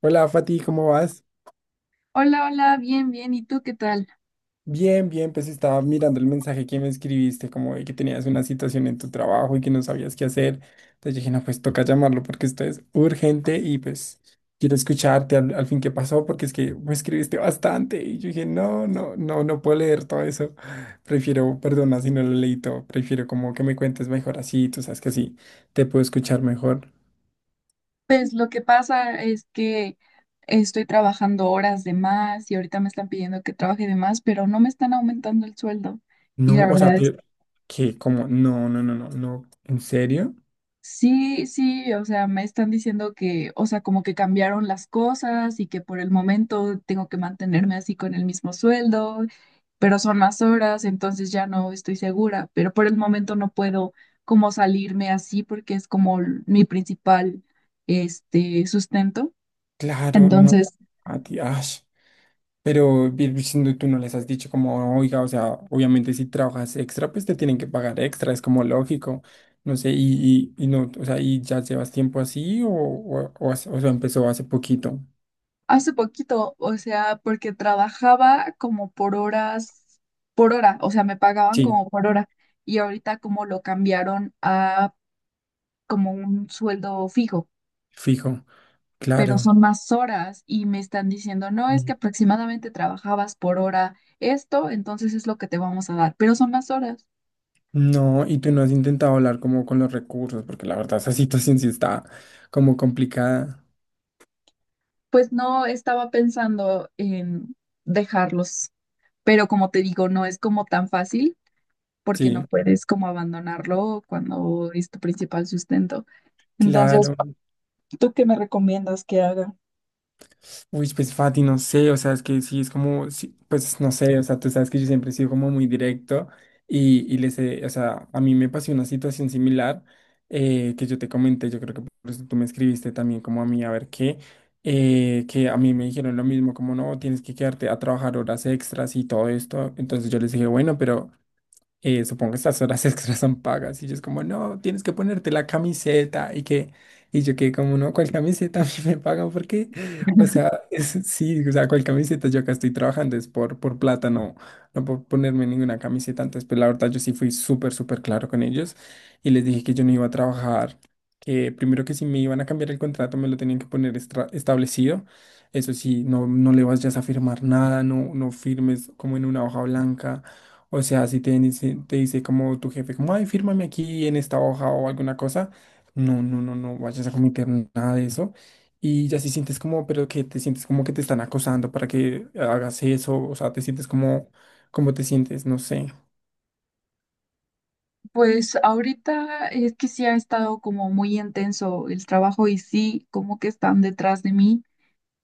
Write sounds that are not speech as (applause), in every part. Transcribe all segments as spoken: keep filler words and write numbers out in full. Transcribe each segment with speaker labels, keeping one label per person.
Speaker 1: Hola Fati, ¿cómo vas?
Speaker 2: Hola, hola, bien, bien. ¿Y tú qué tal?
Speaker 1: Bien, bien, pues estaba mirando el mensaje que me escribiste, como de que tenías una situación en tu trabajo y que no sabías qué hacer. Entonces dije, no, pues toca llamarlo porque esto es urgente y pues quiero escucharte al, al fin qué pasó porque es que me escribiste bastante y yo dije, no, no, no, no puedo leer todo eso. Prefiero, perdona si no lo leí todo, prefiero como que me cuentes mejor así, tú sabes que así te puedo escuchar mejor.
Speaker 2: Pues lo que pasa es que estoy trabajando horas de más y ahorita me están pidiendo que trabaje de más, pero no me están aumentando el sueldo. Y la
Speaker 1: No, o sea,
Speaker 2: verdad es
Speaker 1: te- que como, no, no, no, no, no, ¿en serio?
Speaker 2: sí, sí, o sea, me están diciendo que, o sea, como que cambiaron las cosas y que por el momento tengo que mantenerme así con el mismo sueldo, pero son más horas, entonces ya no estoy segura, pero por el momento no puedo como salirme así porque es como l- mi principal, este, sustento.
Speaker 1: Claro, no.
Speaker 2: Entonces,
Speaker 1: A ti, ash. Pero bien, pues, no- tú no les has dicho como, oiga, o sea, obviamente si trabajas extra, pues te tienen que pagar extra, es como lógico. No sé, y, y, y no, o sea, ¿y ya llevas tiempo así o, o, o hace- o sea, empezó hace poquito?
Speaker 2: hace poquito, o sea, porque trabajaba como por horas, por hora, o sea, me pagaban
Speaker 1: Sí,
Speaker 2: como por hora y ahorita como lo cambiaron a como un sueldo fijo,
Speaker 1: fijo,
Speaker 2: pero
Speaker 1: claro.
Speaker 2: son más horas y me están diciendo, no, es que
Speaker 1: Mm.
Speaker 2: aproximadamente trabajabas por hora esto, entonces es lo que te vamos a dar, pero son más horas.
Speaker 1: No, y tú no has intentado hablar como con los recursos, porque la verdad esa situación sí está como complicada.
Speaker 2: Pues no estaba pensando en dejarlos, pero como te digo, no es como tan fácil porque
Speaker 1: Sí,
Speaker 2: no puedes como abandonarlo cuando es tu principal sustento. Entonces,
Speaker 1: claro.
Speaker 2: ¿tú qué me recomiendas que haga?
Speaker 1: Uy, pues Fati, no sé, o sea, es que sí, es como, sí, pues no sé, o sea, tú sabes que yo siempre he sido como muy directo y, y les he- o sea, a mí me pasó una situación similar eh, que yo te comenté, yo creo que por eso tú me escribiste también como a mí, a ver qué, eh, que a mí me dijeron lo mismo, como no, tienes que quedarte a trabajar horas extras y todo esto, entonces yo les dije, bueno, pero eh, supongo que estas horas (laughs) extras son pagas. Y yo es como, no, tienes que ponerte la camiseta. Y que, y yo que como, no, ¿cuál camiseta (laughs) a mí me pagan? Porque, o sea, es- sí, o sea, ¿cuál camiseta? Yo acá estoy trabajando, es por, por plata, no, no por ponerme ninguna camiseta. Antes, pero la verdad, yo sí fui súper, súper claro con ellos. Y les dije que yo no iba a trabajar, que primero que si me iban a cambiar el contrato, me lo tenían que poner estra- establecido. Eso sí, no, no le vayas a firmar nada, no, no firmes como en una hoja blanca, o sea, si te dice, te dice como tu jefe, como, ay, fírmame aquí en esta hoja o alguna cosa, no, no, no, no vayas a cometer nada de eso. Y ya si sientes como, pero que te sientes como que te están acosando para que hagas eso, o sea, te sientes como, como te sientes, no sé,
Speaker 2: Pues ahorita es que sí ha estado como muy intenso el trabajo y sí, como que están detrás de mí.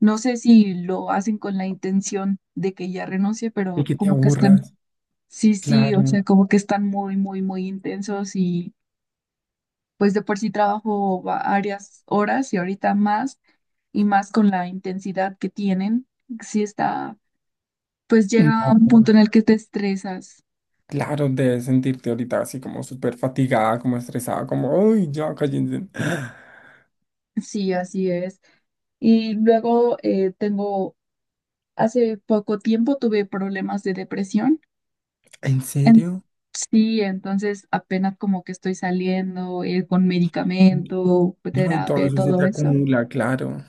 Speaker 2: No sé si lo hacen con la intención de que ya renuncie,
Speaker 1: y
Speaker 2: pero
Speaker 1: que te
Speaker 2: como que están,
Speaker 1: aburras,
Speaker 2: sí, sí, o
Speaker 1: claro.
Speaker 2: sea, como que están muy, muy, muy intensos y pues de por sí trabajo varias horas y ahorita más y más con la intensidad que tienen. Sí está, pues llega
Speaker 1: No,
Speaker 2: un punto en el que te estresas.
Speaker 1: claro, debes sentirte ahorita así como súper fatigada, como estresada, como, uy, ya cállense. (gasps)
Speaker 2: Sí, así es. Y luego eh, tengo hace poco tiempo tuve problemas de depresión.
Speaker 1: ¿En
Speaker 2: En-
Speaker 1: serio?
Speaker 2: sí, entonces apenas como que estoy saliendo eh, con medicamento,
Speaker 1: No, y
Speaker 2: terapia,
Speaker 1: todo
Speaker 2: y
Speaker 1: eso se
Speaker 2: todo
Speaker 1: te
Speaker 2: eso.
Speaker 1: acumula, claro.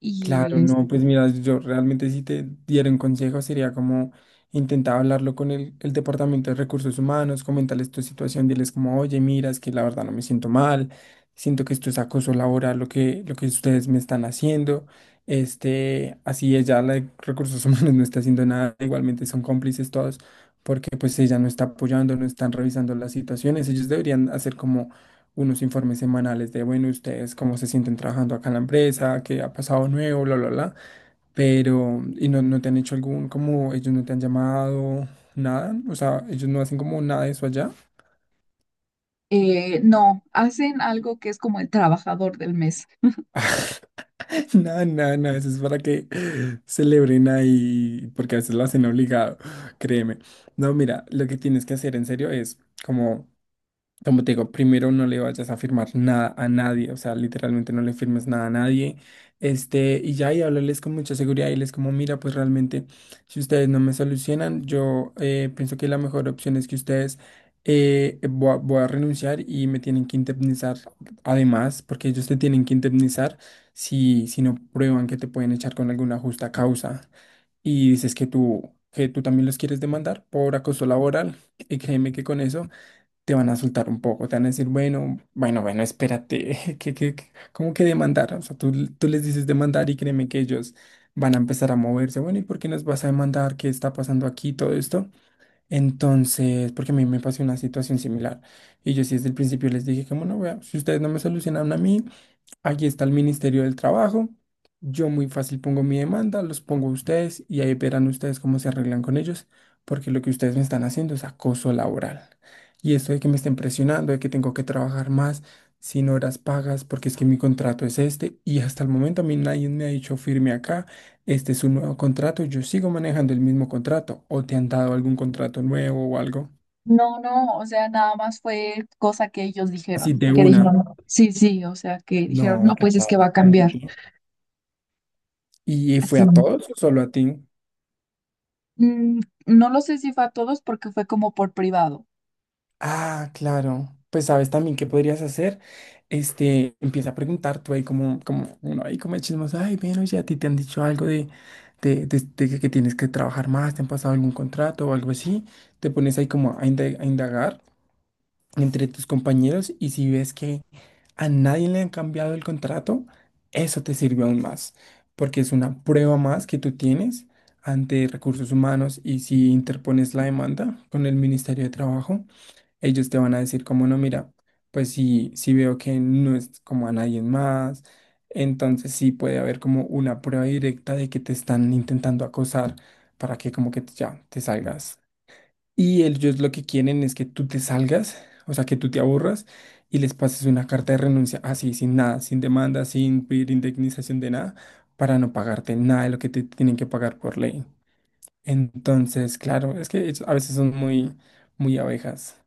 Speaker 2: Y
Speaker 1: Claro,
Speaker 2: es-
Speaker 1: no, pues mira, yo realmente si te diera un consejo sería como intentar hablarlo con el, el Departamento de Recursos Humanos, comentarles tu situación, diles como, oye, mira, es que la verdad no me siento mal, siento que esto es acoso laboral lo que, lo que ustedes me están haciendo, este, así ella, la de Recursos Humanos (laughs) no está haciendo nada, igualmente son cómplices todos, porque pues ella no está apoyando, no están revisando las situaciones, ellos deberían hacer como unos informes semanales de, bueno, ustedes cómo se sienten trabajando acá en la empresa, qué ha pasado nuevo, bla, bla, bla, pero, y no, no te han hecho algún, como ellos no te han llamado, nada, o sea, ellos no hacen como nada de eso allá,
Speaker 2: eh, no, hacen algo que es como el trabajador del mes.
Speaker 1: (laughs) nada, nada, nada, eso es para que celebren ahí, porque a veces lo hacen obligado, créeme. No, mira, lo que tienes que hacer en serio es como... Como te digo, primero no le vayas a firmar nada a nadie, o sea, literalmente no le firmes nada a nadie. Este, y ya, y hablarles con mucha seguridad y les como, mira, pues realmente, si ustedes no me solucionan, yo eh, pienso que la mejor opción es que ustedes eh, voy a, voy a renunciar y me tienen que indemnizar además, porque ellos te tienen que indemnizar si, si no prueban que te pueden echar con alguna justa causa. Y dices que tú, que tú también los quieres demandar por acoso laboral, y créeme que con eso te van a soltar un poco, te van a decir, bueno, bueno, bueno, espérate, (laughs) que, que, que- ¿cómo que demandar? O sea, tú, tú les dices demandar y créeme que ellos van a empezar a moverse, bueno, ¿y por qué nos vas a demandar? ¿Qué está pasando aquí? Todo esto. Entonces, porque a mí me pasó una situación similar. Y yo sí desde el principio les dije, como no, vea, si ustedes no me solucionaron a mí, aquí está el Ministerio del Trabajo. Yo muy fácil pongo mi demanda, los pongo a ustedes y ahí verán ustedes cómo se arreglan con ellos, porque lo que ustedes me están haciendo es acoso laboral. Y esto de que me estén presionando, de que tengo que trabajar más, sin horas pagas, porque es que mi contrato es este y hasta el momento a mí nadie me ha dicho firme acá, este es un nuevo contrato, yo sigo manejando el mismo contrato o te han dado algún contrato nuevo o algo.
Speaker 2: No, no, o sea, nada más fue cosa que ellos
Speaker 1: Así
Speaker 2: dijeron.
Speaker 1: de
Speaker 2: Que
Speaker 1: una.
Speaker 2: dijeron, sí, sí, o sea, que dijeron, no,
Speaker 1: No, ¿qué
Speaker 2: pues es
Speaker 1: tal
Speaker 2: que va a
Speaker 1: esta
Speaker 2: cambiar.
Speaker 1: gente? ¿Y fue
Speaker 2: Así.
Speaker 1: a todos o solo a ti?
Speaker 2: Mm, no lo sé si fue a todos porque fue como por privado.
Speaker 1: Ah, claro. Pues sabes también qué podrías hacer. Este, empieza a preguntar tú ahí como, como uno ahí como de chismoso, ay, bueno, oye, a ti te han dicho algo de, de, de- de que que tienes que trabajar más, te han pasado algún contrato o algo así. Te pones ahí como a inda- a indagar entre tus compañeros y si ves que a nadie le han cambiado el contrato, eso te sirve aún más, porque es una prueba más que tú tienes ante recursos humanos y si interpones la demanda con el Ministerio de Trabajo ellos te van a decir como no, mira, pues sí, sí veo que no es como a nadie más, entonces sí puede haber como una prueba directa de que te están intentando acosar para que como que ya te salgas. Y ellos lo que quieren es que tú te salgas, o sea, que tú te aburras y les pases una carta de renuncia así, sin nada, sin demanda, sin pedir indemnización de nada, para no pagarte nada de lo que te tienen que pagar por ley. Entonces, claro, es que ellos a veces son muy, muy abejas.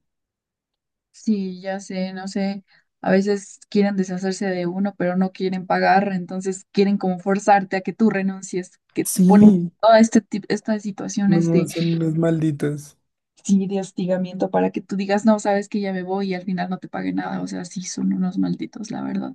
Speaker 2: Sí, ya sé, no sé, a veces quieren deshacerse de uno, pero no quieren pagar, entonces quieren como forzarte a que tú renuncies, que te ponen
Speaker 1: Sí.
Speaker 2: todas este tip- estas situaciones
Speaker 1: No,
Speaker 2: de
Speaker 1: son unos malditos.
Speaker 2: sí, de hostigamiento para que tú digas, no, sabes que ya me voy y al final no te pague nada, o sea, sí, son unos malditos, la verdad.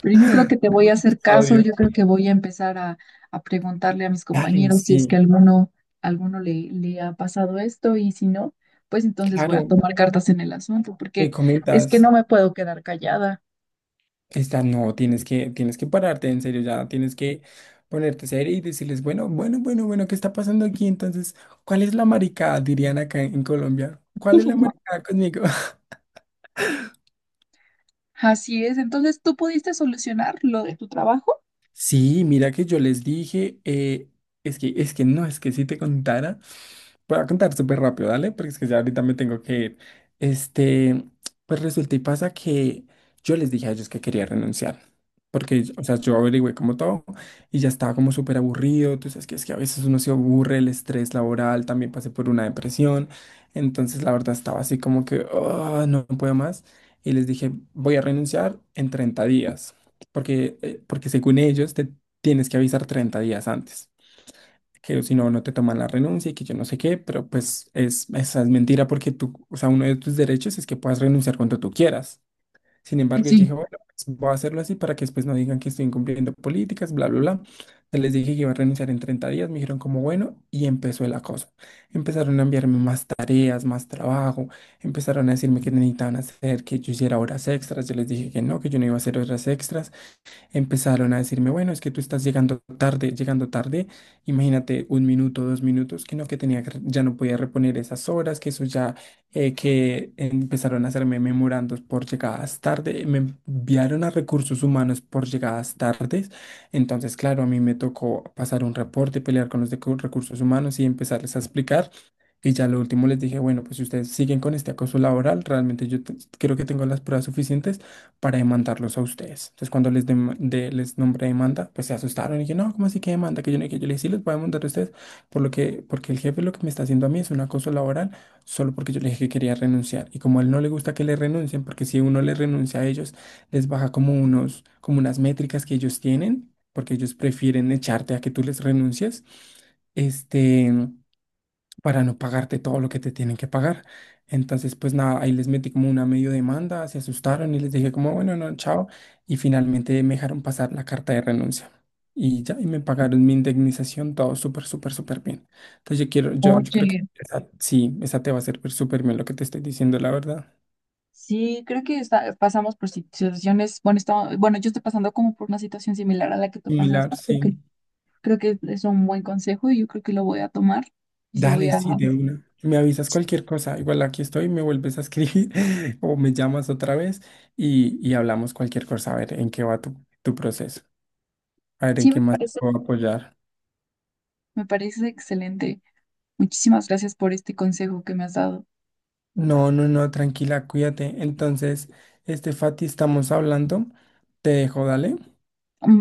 Speaker 2: Pero yo creo que te voy
Speaker 1: No,
Speaker 2: a hacer
Speaker 1: los
Speaker 2: caso,
Speaker 1: odio.
Speaker 2: yo creo que voy a empezar a, a preguntarle a mis
Speaker 1: Dale,
Speaker 2: compañeros si es que
Speaker 1: sí,
Speaker 2: alguno, alguno le, le ha pasado esto y si no, pues entonces voy a
Speaker 1: claro.
Speaker 2: tomar cartas en el asunto,
Speaker 1: Me
Speaker 2: porque es que
Speaker 1: comentas,
Speaker 2: no me puedo quedar callada.
Speaker 1: esta no, tienes que, tienes que pararte, en serio, ya tienes que ponerte serio y decirles, bueno, bueno, bueno, bueno, ¿qué está pasando aquí? Entonces, ¿cuál es la maricada? Dirían acá en Colombia. ¿Cuál es la maricada conmigo? (laughs)
Speaker 2: Así es, entonces tú pudiste solucionar lo de tu trabajo.
Speaker 1: Sí, mira que yo les dije, eh, es que, es que no, es que si te contara. Voy a contar súper rápido, dale, porque es que ya ahorita me tengo que ir. Este, pues resulta y pasa que yo les dije a ellos que quería renunciar, porque, o sea, yo averigüé como todo y ya estaba como súper aburrido, tú sabes que es que a veces uno se aburre, el estrés laboral, también pasé por una depresión, entonces la verdad estaba así como que, "Ah, no puedo más, y les dije, voy a renunciar en treinta días, porque, eh, porque según ellos te tienes que avisar treinta días antes que si no, no te toman la renuncia y que yo no sé qué, pero pues es, esa es mentira porque tú, o sea, uno de tus derechos es que puedas renunciar cuando tú quieras. Sin
Speaker 2: Sí,
Speaker 1: embargo, yo dije,
Speaker 2: sí.
Speaker 1: bueno, pues voy a hacerlo así para que después no digan que estoy incumpliendo políticas, bla, bla, bla. Entonces les dije que iba a renunciar en treinta días, me dijeron como bueno, y empezó el acoso. Empezaron a enviarme más tareas, más trabajo, empezaron a decirme que necesitaban hacer, que yo hiciera horas extras. Yo les dije que no, que yo no iba a hacer horas extras, empezaron a decirme, bueno, es que tú estás llegando tarde, llegando tarde, imagínate un minuto, dos minutos, que no, que tenía que, re- ya no podía reponer esas horas, que eso ya, eh, que empezaron a hacerme memorandos por llegadas tarde, me enviaron a recursos humanos por llegadas tardes, entonces, claro, a mí me tocó pasar un reporte, pelear con los de cu- recursos humanos y empezarles a explicar. Y ya lo último les dije, bueno, pues si ustedes siguen con este acoso laboral, realmente yo te- creo que tengo las pruebas suficientes para demandarlos a ustedes. Entonces, cuando les, dem- de- les nombré demanda, pues se asustaron y yo, no, ¿cómo así que demanda? Que yo no, que yo les dije, sí, les voy a demandar a ustedes, por lo que, porque el jefe lo que me está haciendo a mí es un acoso laboral, solo porque yo le dije que quería renunciar. Y como a él no le gusta que le renuncien, porque si uno le renuncia a ellos, les baja como unos, como unas métricas que ellos tienen, porque ellos prefieren echarte a que tú les renuncies. Este para no pagarte todo lo que te tienen que pagar. Entonces, pues nada, ahí les metí como una medio demanda, se asustaron y les dije como, bueno, no, chao. Y finalmente me dejaron pasar la carta de renuncia. Y ya, y me pagaron mi indemnización, todo súper, súper, súper bien. Entonces yo quiero, yo, yo creo que
Speaker 2: Oye,
Speaker 1: esa, sí, esa te va a servir súper bien lo que te estoy diciendo, la verdad.
Speaker 2: sí, creo que está- pasamos por situaciones, bueno, estaba- bueno, yo estoy pasando como por una situación similar a la que tú
Speaker 1: Similar,
Speaker 2: pasaste, porque
Speaker 1: sí.
Speaker 2: creo que es un buen consejo y yo creo que lo voy a tomar y sí voy
Speaker 1: Dale,
Speaker 2: a,
Speaker 1: sí,
Speaker 2: ujú.
Speaker 1: de una. Me avisas cualquier cosa. Igual aquí estoy, me vuelves a escribir (laughs) o me llamas otra vez y, y hablamos cualquier cosa, a ver en qué va tu, tu proceso. A ver, ¿en
Speaker 2: Sí,
Speaker 1: qué
Speaker 2: me
Speaker 1: más te
Speaker 2: parece,
Speaker 1: puedo apoyar?
Speaker 2: me parece excelente. Muchísimas gracias por este consejo que me has dado.
Speaker 1: No, no, no, tranquila, cuídate. Entonces, este Fati, estamos hablando. Te dejo, dale.
Speaker 2: Bye.